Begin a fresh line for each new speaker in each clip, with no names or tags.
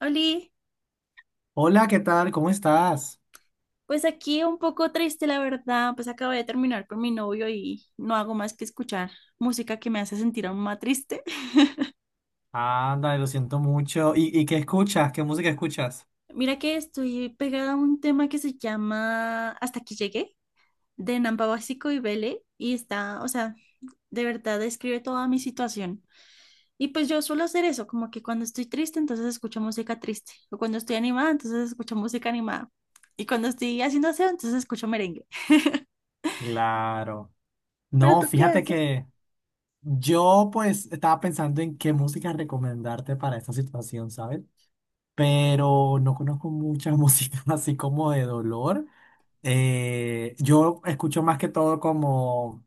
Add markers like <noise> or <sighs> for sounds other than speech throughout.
Oli,
Hola, ¿qué tal? ¿Cómo estás?
pues aquí un poco triste, la verdad, pues acabo de terminar con mi novio y no hago más que escuchar música que me hace sentir aún más triste. <laughs>
Anda, lo siento mucho. ¿Y qué escuchas? ¿Qué música escuchas?
Mira que estoy pegada a un tema que se llama Hasta aquí llegué, de Nampa Básico y Vele, y está, o sea, de verdad describe toda mi situación. Y pues yo suelo hacer eso, como que cuando estoy triste, entonces escucho música triste, o cuando estoy animada, entonces escucho música animada, y cuando estoy haciendo aseo, entonces escucho merengue. <laughs>
Claro.
¿Pero
No,
tú qué
fíjate
haces?
que yo pues estaba pensando en qué música recomendarte para esta situación, ¿sabes? Pero no conozco mucha <laughs> música así como de dolor. Yo escucho más que todo como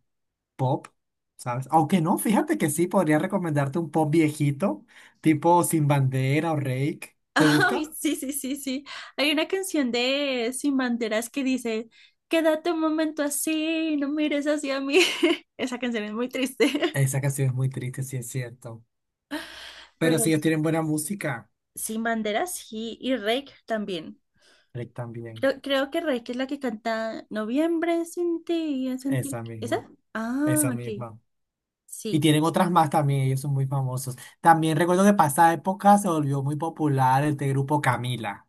pop, ¿sabes? Aunque no, fíjate que sí, podría recomendarte un pop viejito, tipo Sin Bandera o Reik. ¿Te
Ay,
gusta?
sí, sí, sí, sí. Hay una canción de Sin Banderas que dice, quédate un momento así, no mires hacia mí. <laughs> Esa canción es muy triste.
Esa canción es muy triste, sí es cierto.
<laughs>
Pero
Pero
si ellos tienen buena música,
Sin Banderas sí, y Reik también.
Rick también.
Creo que Reik es la que canta Noviembre sin ti, ya sentí.
Esa misma,
¿Esa? Ah,
esa
ok.
misma. Y
Sí.
tienen otras más también, ellos son muy famosos. También recuerdo que pasada época se volvió muy popular este grupo Camila.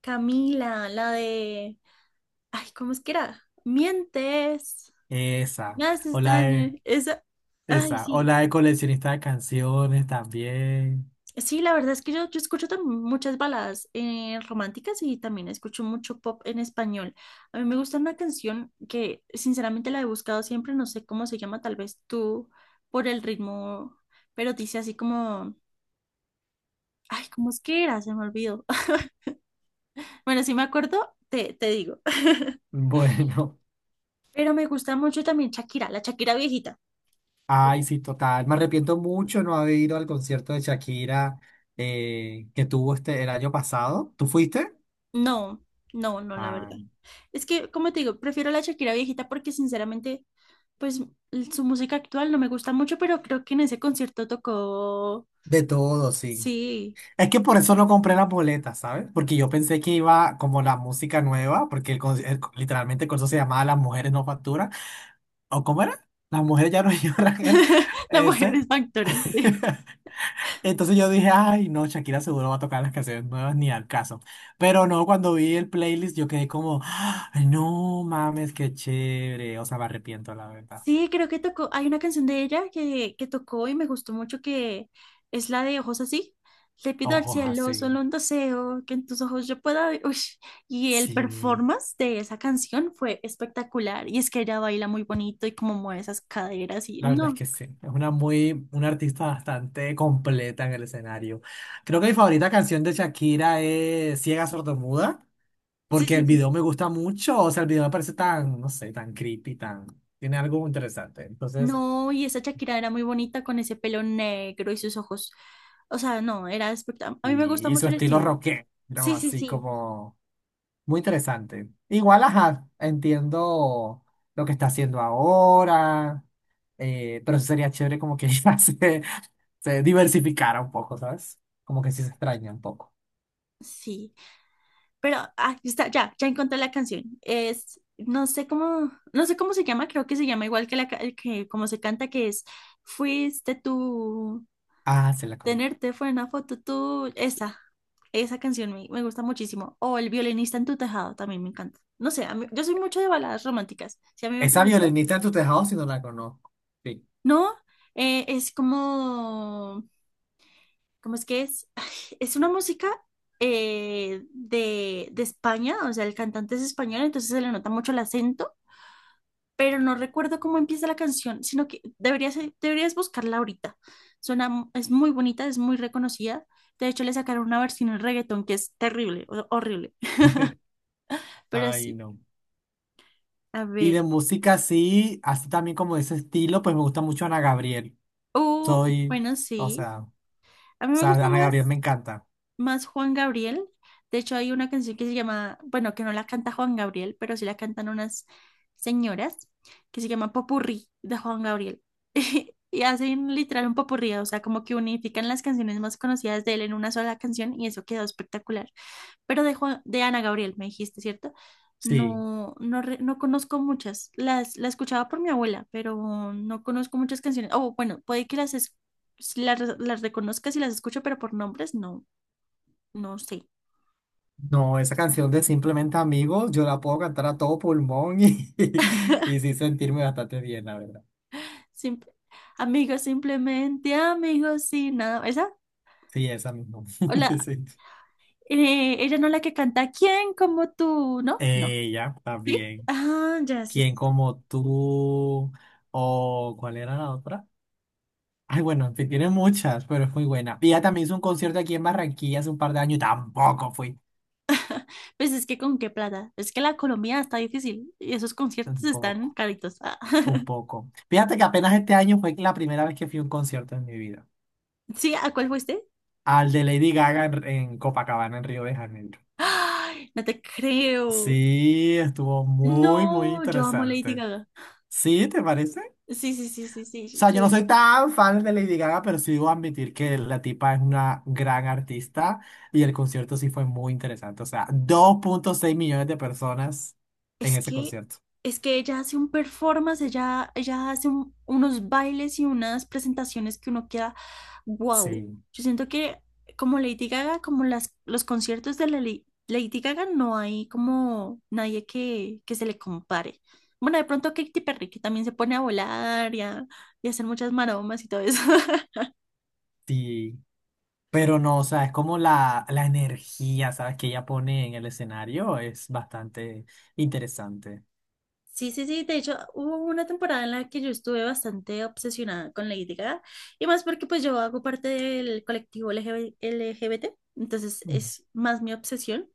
Camila, la de. Ay, ¿cómo es que era? Mientes, me
Esa. O
haces
la
daño.
de,
Esa. Ay,
esa. O
sí.
la de coleccionista de canciones también. <laughs>
Sí, la verdad es que yo escucho también muchas baladas románticas, y también escucho mucho pop en español. A mí me gusta una canción que sinceramente la he buscado siempre, no sé cómo se llama, tal vez tú por el ritmo, pero dice así como, ay, ¿cómo es que era? Se me olvidó. <laughs> Bueno, si me acuerdo, te digo.
Bueno.
Pero me gusta mucho también Shakira, la Shakira viejita.
Ay, sí, total. Me arrepiento mucho no haber ido al concierto de Shakira que tuvo este el año pasado. ¿Tú fuiste?
No, no, no, la verdad.
Ay,
Es que, como te digo, prefiero la Shakira viejita porque sinceramente, pues su música actual no me gusta mucho, pero creo que en ese concierto tocó,
de todo, sí.
sí.
Es que por eso no compré las boletas, ¿sabes? Porque yo pensé que iba como la música nueva, porque el, con- el- literalmente el concierto se llamaba Las mujeres no facturan. ¿O cómo era? Las mujeres ya no <laughs> lloran, era
<laughs> La Mujer
ese.
es Factora, sí.
<laughs> Entonces yo dije, ay, no, Shakira seguro va a tocar las canciones nuevas, ni al caso. Pero no, cuando vi el playlist yo quedé como, "Ay, no mames, qué chévere". O sea, me arrepiento, la verdad.
Sí, creo que tocó, hay una canción de ella que tocó y me gustó mucho, que es la de Ojos así. Le pido al
Ojos
cielo
así.
solo un deseo, que en tus ojos yo pueda ver. Uy. Y el
Sí.
performance de esa canción fue espectacular. Y es que ella baila muy bonito y como mueve esas caderas y
La verdad es
no.
que sí, es una muy, una artista bastante completa en el escenario. Creo que mi favorita canción de Shakira es Ciega Sordomuda,
Sí,
porque
sí,
el
sí.
video me gusta mucho, o sea, el video me parece tan, no sé, tan creepy, tan, tiene algo interesante. Entonces,
No, y esa Shakira era muy bonita con ese pelo negro y sus ojos. O sea, no, era espectacular. A mí me gusta
y su
mucho el
estilo
estilo.
rockero,
Sí, sí,
así
sí.
como muy interesante. Igual, ajá, entiendo lo que está haciendo ahora, pero sí sería chévere como que <laughs> ya se diversificara un poco, ¿sabes? Como que sí se extraña un poco.
Sí, pero ah, está, ya, ya encontré la canción. Es, no sé cómo se llama, creo que se llama igual que que como se canta, que es Fuiste tú,
Ah, se la conozco.
tenerte fue una foto tú. Esa canción me gusta muchísimo. O El violinista en tu tejado también me encanta. No sé, yo soy mucho de baladas románticas. Si a mí me
Esa
preguntan.
violinista en tu tejado, si no la conozco. Sí.
No, es como, ¿cómo es que es? <sighs> Es una música de España, o sea, el cantante es español, entonces se le nota mucho el acento, pero no recuerdo cómo empieza la canción, sino que deberías buscarla ahorita. Suena, es muy bonita, es muy reconocida. De hecho, le sacaron una versión en reggaetón que es terrible, horrible.
<laughs>
<laughs> Pero
Ay,
sí,
no.
a
Y
ver.
de música, sí, así también como de ese estilo, pues me gusta mucho Ana Gabriel.
Oh,
Soy,
bueno,
o
sí.
sea, o
A mí me
sea,
gusta
Ana
más.
Gabriel me encanta.
más Juan Gabriel. De hecho, hay una canción que se llama, bueno, que no la canta Juan Gabriel, pero sí la cantan unas señoras, que se llama Popurrí de Juan Gabriel. <laughs> Y hacen literal un popurrí, o sea, como que unifican las canciones más conocidas de él en una sola canción, y eso quedó espectacular. Pero de Ana Gabriel, me dijiste, ¿cierto?
Sí.
No, no, no conozco muchas. La escuchaba por mi abuela, pero no conozco muchas canciones. Oh, bueno, puede que las reconozca si las escucho, pero por nombres no. No sé.
No, esa canción de Simplemente Amigos, yo la puedo cantar a todo pulmón y, <laughs> y, sí sentirme bastante bien, la verdad.
Simple- simplemente amigos y nada. ¿Esa?
Sí, esa misma.
Hola.
<laughs> Sí.
Ella no, la que canta ¿Quién como tú? ¿No? No.
Ella
¿Sí?
también.
Ah, ya, sí,
¿Quién
sí, sí.
como tú? ¿O cuál era la otra? Ay, bueno, en fin, tiene muchas, pero es muy buena. Y ella también hizo un concierto aquí en Barranquilla hace un par de años y tampoco fui.
Pues es que con qué plata. Es que la Colombia está difícil y esos conciertos
Un
están
poco,
caritos. Ah.
un
<laughs>
poco. Fíjate que apenas este año fue la primera vez que fui a un concierto en mi vida.
¿Sí? ¿A cuál fuiste?
Al de Lady Gaga en Copacabana, en Río de Janeiro.
¡Ay! No te creo.
Sí, estuvo muy, muy
No, yo amo Lady
interesante.
Gaga.
¿Sí, te parece?
Sí, sí, sí, sí,
O
sí.
sea, yo no
Yo.
soy tan fan de Lady Gaga, pero sí debo admitir que la tipa es una gran artista y el concierto sí fue muy interesante. O sea, 2,6 millones de personas en
Es
ese
que,
concierto.
es que ella hace un performance, ella hace unos bailes y unas presentaciones que uno queda, wow.
Sí,
Yo siento que como Lady Gaga, como los conciertos de Lady Gaga, no hay como nadie que se le compare. Bueno, de pronto Katy Perry, que también se pone a volar y a hacer muchas maromas y todo eso. <laughs>
sí. Pero no, o sea, es como la energía, ¿sabes? Que ella pone en el escenario es bastante interesante.
Sí, sí, sí. De hecho, hubo una temporada en la que yo estuve bastante obsesionada con Lady Gaga. Y más porque pues yo hago parte del colectivo LGBT. Entonces
Mm.
es más mi obsesión.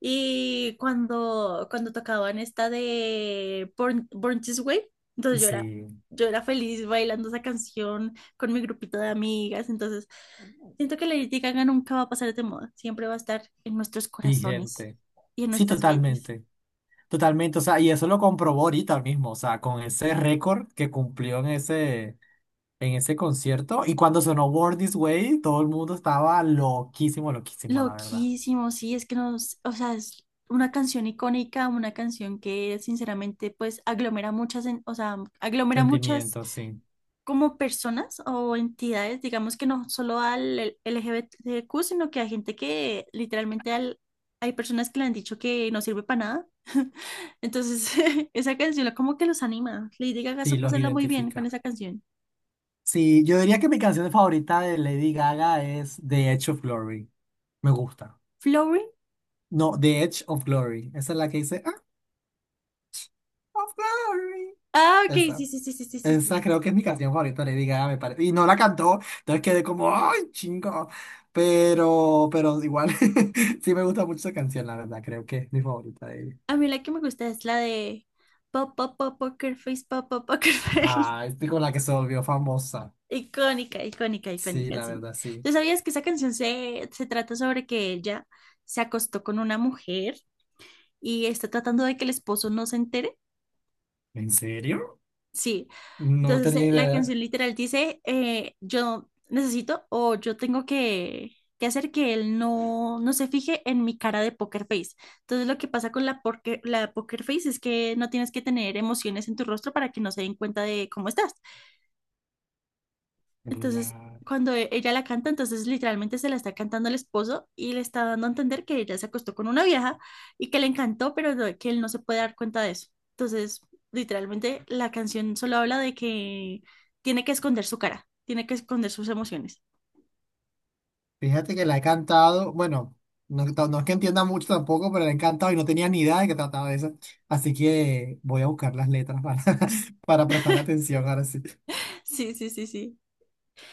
Y cuando tocaban esta de Born This Way, entonces yo era,
Sí,
yo era feliz bailando esa canción con mi grupito de amigas. Entonces siento que Lady Gaga nunca va a pasar de moda. Siempre va a estar en nuestros corazones
vigente.
y en
Sí,
nuestras mentes.
totalmente. Totalmente, o sea, y eso lo comprobó ahorita mismo, o sea, con ese récord que cumplió en ese concierto. Y cuando sonó Born This Way, todo el mundo estaba loquísimo, loquísimo, la verdad.
Loquísimo, sí, es que nos, o sea, es una canción icónica, una canción que sinceramente pues o sea, aglomera muchas
Sentimientos, sí,
como personas o entidades, digamos que no solo al LGBTQ, sino que a gente que literalmente hay personas que le han dicho que no sirve para nada. <laughs> Entonces, <laughs> esa canción como que los anima. Lady Gaga
sí,
supo
los
hacerla muy bien con
identifica.
esa canción.
Sí, yo diría que mi canción favorita de Lady Gaga es The Edge of Glory. Me gusta.
Flowering.
No, The Edge of Glory. Esa es la que dice, "Ah, of Glory".
Ah, ok, sí,
Esa.
sí, sí, sí, sí, sí.
Esa creo que es mi canción favorita de Lady Gaga, me parece. Y no la cantó, entonces quedé como, ¡ay, chingo! Pero igual, <laughs> sí me gusta mucho esa canción, la verdad, creo que es mi favorita de ella.
A mí la que me gusta es la de Pop, Pop, Pop, Poker Face, Pop, Pop, Poker Face.
Ah, es con la que se volvió famosa.
<laughs> Icónica, icónica,
Sí,
icónica,
la
sí.
verdad, sí.
¿Tú sabías que esa canción se trata sobre que ella se acostó con una mujer y está tratando de que el esposo no se entere?
¿En serio?
Sí,
No
entonces
tenía
la
idea.
canción literal dice, yo necesito, o yo tengo que hacer que él no se fije en mi cara de poker face. Entonces lo que pasa porque, la poker face es que no tienes que tener emociones en tu rostro para que no se den cuenta de cómo estás. Entonces,
La-
cuando ella la canta, entonces literalmente se la está cantando el esposo, y le está dando a entender que ella se acostó con una vieja y que le encantó, que él no se puede dar cuenta de eso. Entonces, literalmente la canción solo habla de que tiene que esconder su cara, tiene que esconder sus emociones.
fíjate que la he cantado, bueno, no, ta- no es que entienda mucho tampoco, pero la he cantado y no tenía ni idea de que trataba de eso. Así que voy a buscar las letras para, <laughs> para prestarle atención ahora sí.
Sí, sí, sí, sí.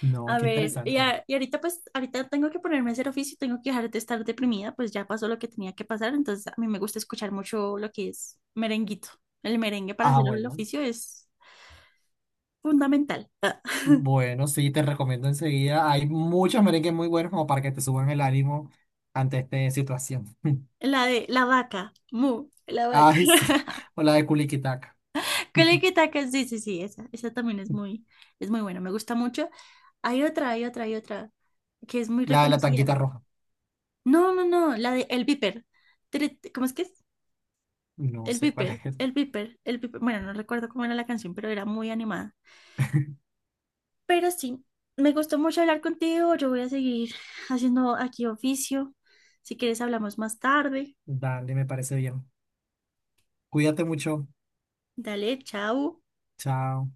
No,
A
qué
ver,
interesante.
ahorita tengo que ponerme a hacer oficio, tengo que dejar de estar deprimida, pues ya pasó lo que tenía que pasar, entonces a mí me gusta escuchar mucho lo que es merenguito. El merengue para
Ah,
hacer el
bueno.
oficio es fundamental.
Bueno, sí, te recomiendo enseguida. Hay muchos merengues muy buenos como para que te suban el ánimo ante esta situación. <laughs>
La de la vaca, mu, la
Ay, sí.
vaca.
O la de Culiquitaca.
<laughs>
<laughs>
Que taca, sí, sí, sí, esa también es muy buena, me gusta mucho. Hay otra, que es muy
La de la
reconocida.
tanquita roja.
No, no, no, la de El Viper. ¿Cómo es que es?
No
El
sé cuál
Viper,
es.
El Viper, El Viper. Bueno, no recuerdo cómo era la canción, pero era muy animada.
<laughs>
Pero sí, me gustó mucho hablar contigo, yo voy a seguir haciendo aquí oficio. Si quieres hablamos más tarde.
Dale, me parece bien. Cuídate mucho.
Dale, chao.
Chao.